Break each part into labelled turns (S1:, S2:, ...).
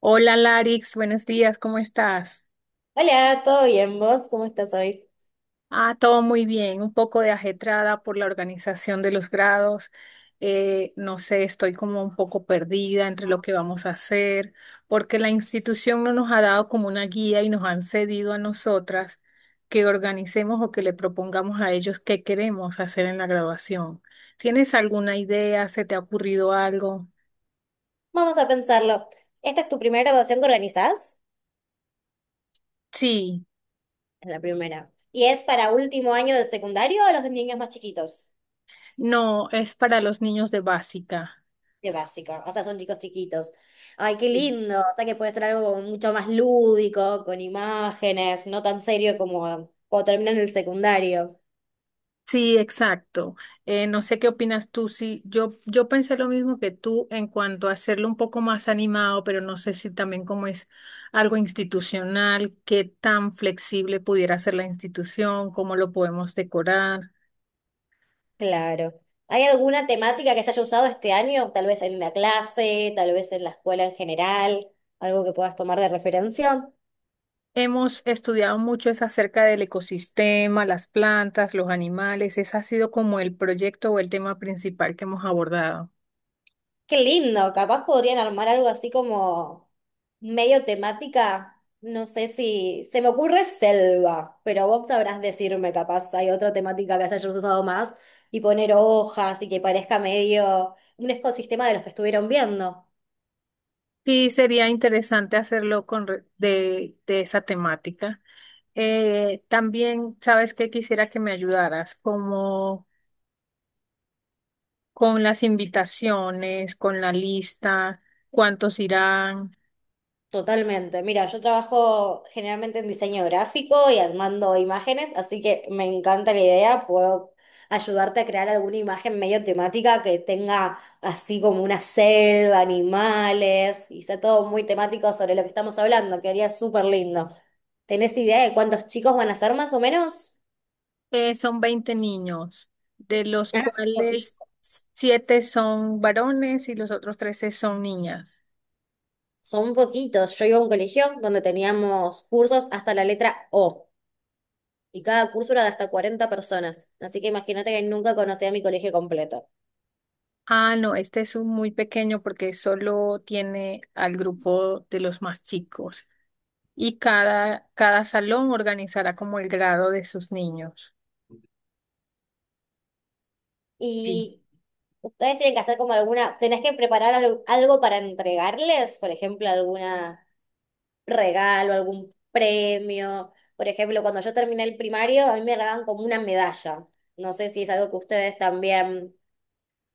S1: Hola Larix, buenos días, ¿cómo estás?
S2: Hola, ¿todo bien? ¿Vos cómo estás hoy?
S1: Ah, todo muy bien, un poco de ajetrada por la organización de los grados. No sé, estoy como un poco perdida entre lo que vamos a hacer, porque la institución no nos ha dado como una guía y nos han cedido a nosotras que organicemos o que le propongamos a ellos qué queremos hacer en la graduación. ¿Tienes alguna idea? ¿Se te ha ocurrido algo?
S2: Vamos a pensarlo. ¿Esta es tu primera graduación que organizás?
S1: Sí,
S2: Es la primera. ¿Y es para último año de secundario o los de niños más chiquitos?
S1: no, es para los niños de básica.
S2: De básico, o sea, son chicos chiquitos. Ay, qué lindo. O sea, que puede ser algo como mucho más lúdico, con imágenes, no tan serio como cuando terminan el secundario.
S1: Sí, exacto. No sé qué opinas tú. Sí, yo pensé lo mismo que tú en cuanto a hacerlo un poco más animado, pero no sé si también como es algo institucional, qué tan flexible pudiera ser la institución, cómo lo podemos decorar.
S2: Claro. ¿Hay alguna temática que se haya usado este año? Tal vez en la clase, tal vez en la escuela en general, algo que puedas tomar de referencia.
S1: Hemos estudiado mucho es acerca del ecosistema, las plantas, los animales. Ese ha sido como el proyecto o el tema principal que hemos abordado.
S2: Qué lindo, capaz podrían armar algo así como medio temática. No sé si se me ocurre selva, pero vos sabrás decirme, capaz hay otra temática que se haya usado más y poner hojas y que parezca medio un ecosistema de los que estuvieron viendo.
S1: Sí, sería interesante hacerlo con de esa temática. También, ¿sabes qué? Quisiera que me ayudaras como con las invitaciones, con la lista, cuántos irán.
S2: Totalmente. Mira, yo trabajo generalmente en diseño gráfico y armando imágenes, así que me encanta la idea. Puedo ayudarte a crear alguna imagen medio temática que tenga así como una selva, animales, y sea todo muy temático sobre lo que estamos hablando, quedaría súper lindo. ¿Tenés idea de cuántos chicos van a ser más o menos?
S1: Son 20 niños, de los
S2: Ah, son
S1: cuales
S2: poquitos.
S1: siete son varones y los otros 13 son niñas.
S2: Son poquitos. Yo iba a un colegio donde teníamos cursos hasta la letra O, y cada curso era de hasta 40 personas. Así que imagínate que nunca conocí a mi colegio completo.
S1: Ah, no, este es un muy pequeño porque solo tiene al grupo de los más chicos y cada salón organizará como el grado de sus niños. Sí.
S2: Y ustedes tienen que hacer como alguna, tenés que preparar algo para entregarles, por ejemplo, algún regalo, algún premio. Por ejemplo, cuando yo terminé el primario, a mí me regalaban como una medalla. No sé si es algo que ustedes también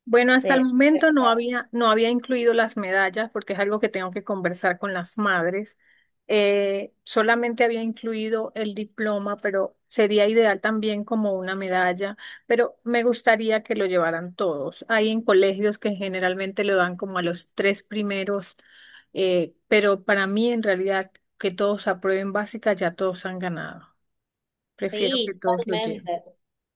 S1: Bueno, hasta el
S2: se...
S1: momento no había incluido las medallas porque es algo que tengo que conversar con las madres. Solamente había incluido el diploma, pero sería ideal también como una medalla, pero me gustaría que lo llevaran todos. Hay en colegios que generalmente lo dan como a los tres primeros, pero para mí en realidad que todos aprueben básica, ya todos han ganado. Prefiero que
S2: Sí,
S1: todos lo lleven.
S2: totalmente.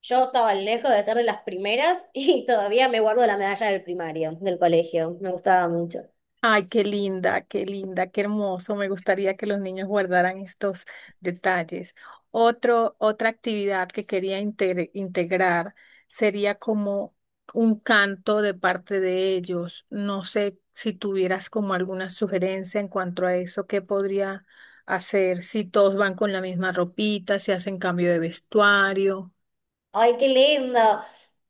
S2: Yo estaba lejos de ser de las primeras y todavía me guardo la medalla del primario, del colegio. Me gustaba mucho.
S1: Ay, qué linda, qué linda, qué hermoso. Me gustaría que los niños guardaran estos detalles. Otra actividad que quería integrar sería como un canto de parte de ellos. No sé si tuvieras como alguna sugerencia en cuanto a eso, qué podría hacer si todos van con la misma ropita, si hacen cambio de vestuario.
S2: Ay, qué lindo.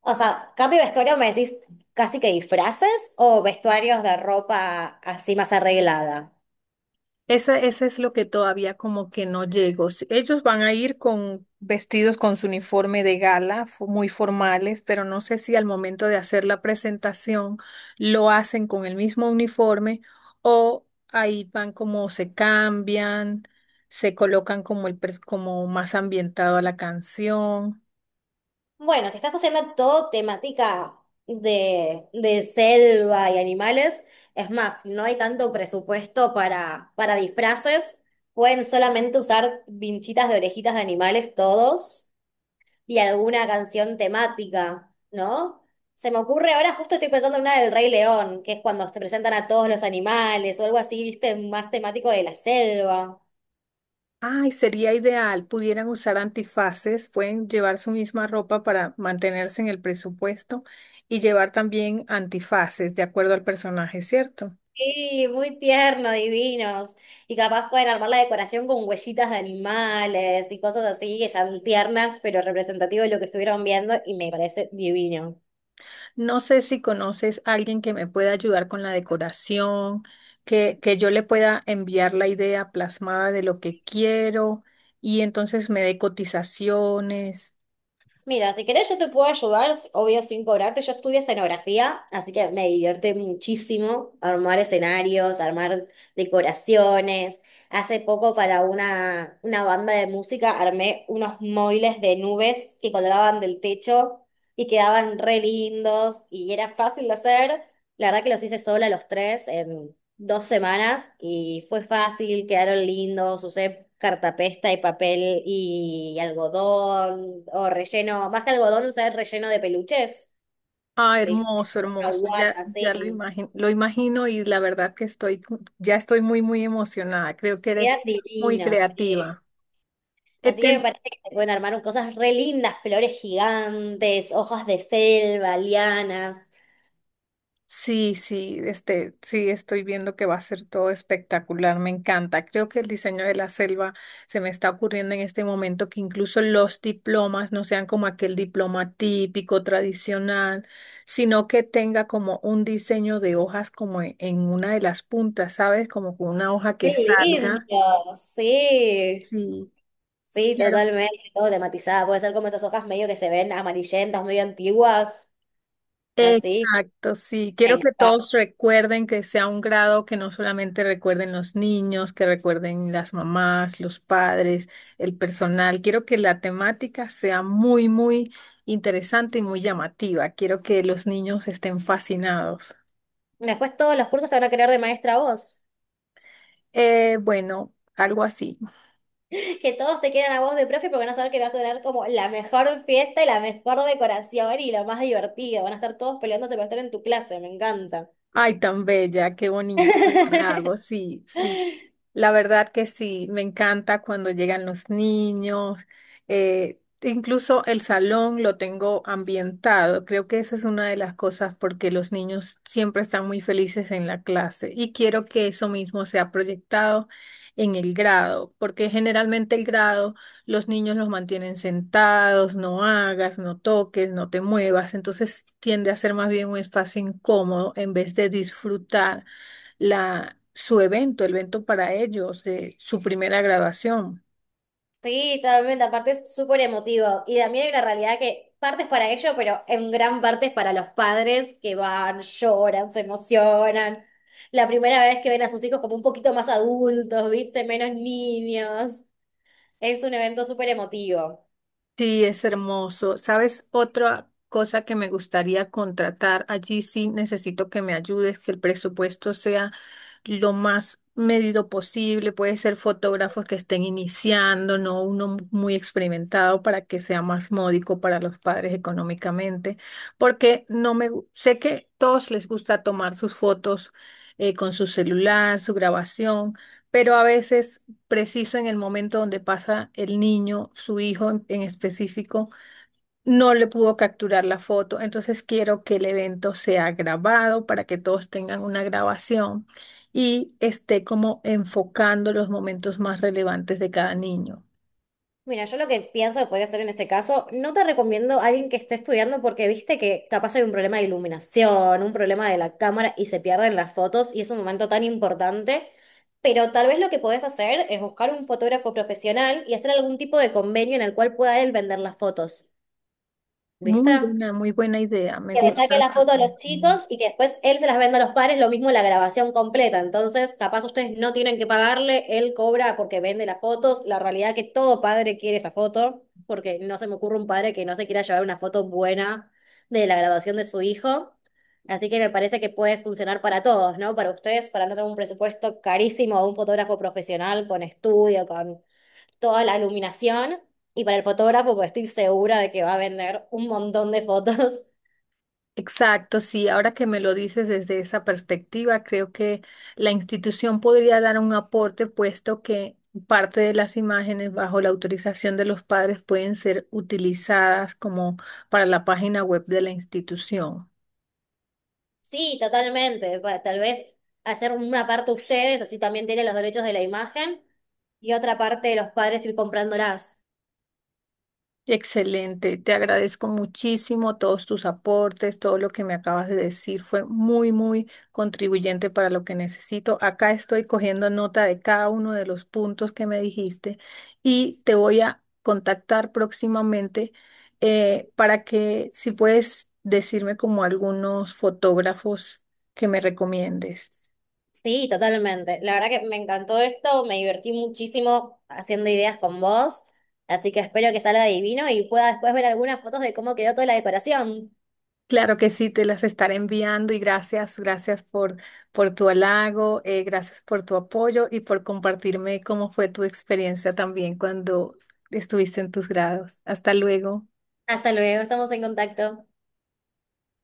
S2: O sea, cambio de vestuario, me decís casi que disfraces o vestuarios de ropa así más arreglada.
S1: Ese, es lo que todavía como que no llego. Ellos van a ir con vestidos con su uniforme de gala, muy formales, pero no sé si al momento de hacer la presentación lo hacen con el mismo uniforme o ahí van como se cambian, se colocan como como más ambientado a la canción.
S2: Bueno, si estás haciendo todo temática de selva y animales, es más, si no hay tanto presupuesto para disfraces. Pueden solamente usar vinchitas de orejitas de animales todos. Y alguna canción temática, ¿no? Se me ocurre, ahora justo estoy pensando en una del Rey León, que es cuando se presentan a todos los animales o algo así, viste, más temático de la selva.
S1: Ay, sería ideal. Pudieran usar antifaces, pueden llevar su misma ropa para mantenerse en el presupuesto y llevar también antifaces de acuerdo al personaje, ¿cierto?
S2: Sí, muy tierno, divinos. Y capaz pueden armar la decoración con huellitas de animales y cosas así que sean tiernas, pero representativas de lo que estuvieron viendo, y me parece divino.
S1: No sé si conoces a alguien que me pueda ayudar con la decoración, que yo le pueda enviar la idea plasmada de lo que quiero y entonces me dé cotizaciones.
S2: Mira, si querés yo te puedo ayudar, obvio sin cobrarte, yo estudié escenografía, así que me divierte muchísimo armar escenarios, armar decoraciones. Hace poco para una banda de música armé unos móviles de nubes que colgaban del techo y quedaban re lindos y era fácil de hacer. La verdad que los hice sola los tres, 2 semanas y fue fácil, quedaron lindos, usé cartapesta y papel y algodón o relleno, más que algodón usé relleno de peluches,
S1: Ah,
S2: ¿viste?
S1: hermoso,
S2: Una
S1: hermoso.
S2: guata,
S1: Ya
S2: sí,
S1: lo imagino y la verdad que ya estoy muy emocionada. Creo que
S2: quedan
S1: eres muy
S2: divinos, sí.
S1: creativa. He
S2: Así que me
S1: ten-
S2: parece que se pueden armar cosas re lindas, flores gigantes, hojas de selva, lianas.
S1: Sí, sí, este, sí, estoy viendo que va a ser todo espectacular. Me encanta. Creo que el diseño de la selva se me está ocurriendo en este momento que incluso los diplomas no sean como aquel diploma típico, tradicional, sino que tenga como un diseño de hojas como en una de las puntas, ¿sabes? Como con una hoja que
S2: ¡Qué
S1: salga.
S2: lindo! Sí,
S1: Sí,
S2: sí,
S1: quiero.
S2: totalmente, todo tematizado. Puede ser como esas hojas medio que se ven amarillentas, medio antiguas, así.
S1: Exacto, sí.
S2: Me
S1: Quiero que
S2: encanta.
S1: todos recuerden que sea un grado que no solamente recuerden los niños, que recuerden las mamás, los padres, el personal. Quiero que la temática sea muy interesante y muy llamativa. Quiero que los niños estén fascinados.
S2: Después todos los cursos te van a querer de maestra a vos.
S1: Bueno, algo así.
S2: Que todos te quieran a vos de profe porque van a saber que vas a tener como la mejor fiesta y la mejor decoración y lo más divertido. Van a estar todos peleándose por estar en tu clase, me encanta.
S1: Ay, tan bella, qué bonito lago, sí, sí. La verdad que sí, me encanta cuando llegan los niños. Incluso el salón lo tengo ambientado. Creo que esa es una de las cosas porque los niños siempre están muy felices en la clase y quiero que eso mismo sea proyectado en el grado, porque generalmente el grado... Los niños los mantienen sentados, no hagas, no toques, no te muevas. Entonces tiende a ser más bien un espacio incómodo en vez de disfrutar su evento, el evento para ellos, su primera graduación.
S2: Sí, totalmente, aparte es súper emotivo. Y también hay una realidad que parte es para ellos, pero en gran parte es para los padres que van, lloran, se emocionan. La primera vez que ven a sus hijos como un poquito más adultos, ¿viste? Menos niños. Es un evento súper emotivo.
S1: Sí, es hermoso. ¿Sabes? Otra cosa que me gustaría contratar, allí sí necesito que me ayudes, que el presupuesto sea lo más medido posible. Puede ser fotógrafos que estén iniciando, no uno muy experimentado para que sea más módico para los padres económicamente, porque no me gu- sé que todos les gusta tomar sus fotos con su celular, su grabación, pero a veces preciso en el momento donde pasa el niño, su hijo en específico, no le pudo capturar la foto. Entonces quiero que el evento sea grabado para que todos tengan una grabación y esté como enfocando los momentos más relevantes de cada niño.
S2: Mira, yo lo que pienso que podría hacer en ese caso, no te recomiendo a alguien que esté estudiando porque viste que capaz hay un problema de iluminación, un problema de la cámara y se pierden las fotos y es un momento tan importante. Pero tal vez lo que podés hacer es buscar un fotógrafo profesional y hacer algún tipo de convenio en el cual pueda él vender las fotos. ¿Viste?
S1: Muy buena idea. Me
S2: Que le
S1: gusta
S2: saque la
S1: esa.
S2: foto a los chicos y que después él se las venda a los padres, lo mismo la grabación completa. Entonces, capaz ustedes no tienen que pagarle, él cobra porque vende las fotos. La realidad es que todo padre quiere esa foto, porque no se me ocurre un padre que no se quiera llevar una foto buena de la graduación de su hijo. Así que me parece que puede funcionar para todos, ¿no? Para ustedes, para no tener un presupuesto carísimo a un fotógrafo profesional con estudio, con toda la iluminación. Y para el fotógrafo, pues estoy segura de que va a vender un montón de fotos.
S1: Exacto, sí, ahora que me lo dices desde esa perspectiva, creo que la institución podría dar un aporte, puesto que parte de las imágenes bajo la autorización de los padres pueden ser utilizadas como para la página web de la institución.
S2: Sí, totalmente. Tal vez hacer una parte ustedes, así también tienen los derechos de la imagen, y otra parte de los padres ir comprándolas.
S1: Excelente, te agradezco muchísimo todos tus aportes, todo lo que me acabas de decir fue muy contribuyente para lo que necesito. Acá estoy cogiendo nota de cada uno de los puntos que me dijiste y te voy a contactar próximamente para que si puedes decirme como algunos fotógrafos que me recomiendes.
S2: Sí, totalmente. La verdad que me encantó esto, me divertí muchísimo haciendo ideas con vos, así que espero que salga divino y pueda después ver algunas fotos de cómo quedó toda la decoración.
S1: Claro que sí, te las estaré enviando y gracias, gracias por tu halago, gracias por tu apoyo y por compartirme cómo fue tu experiencia también cuando estuviste en tus grados. Hasta luego.
S2: Hasta luego, estamos en contacto.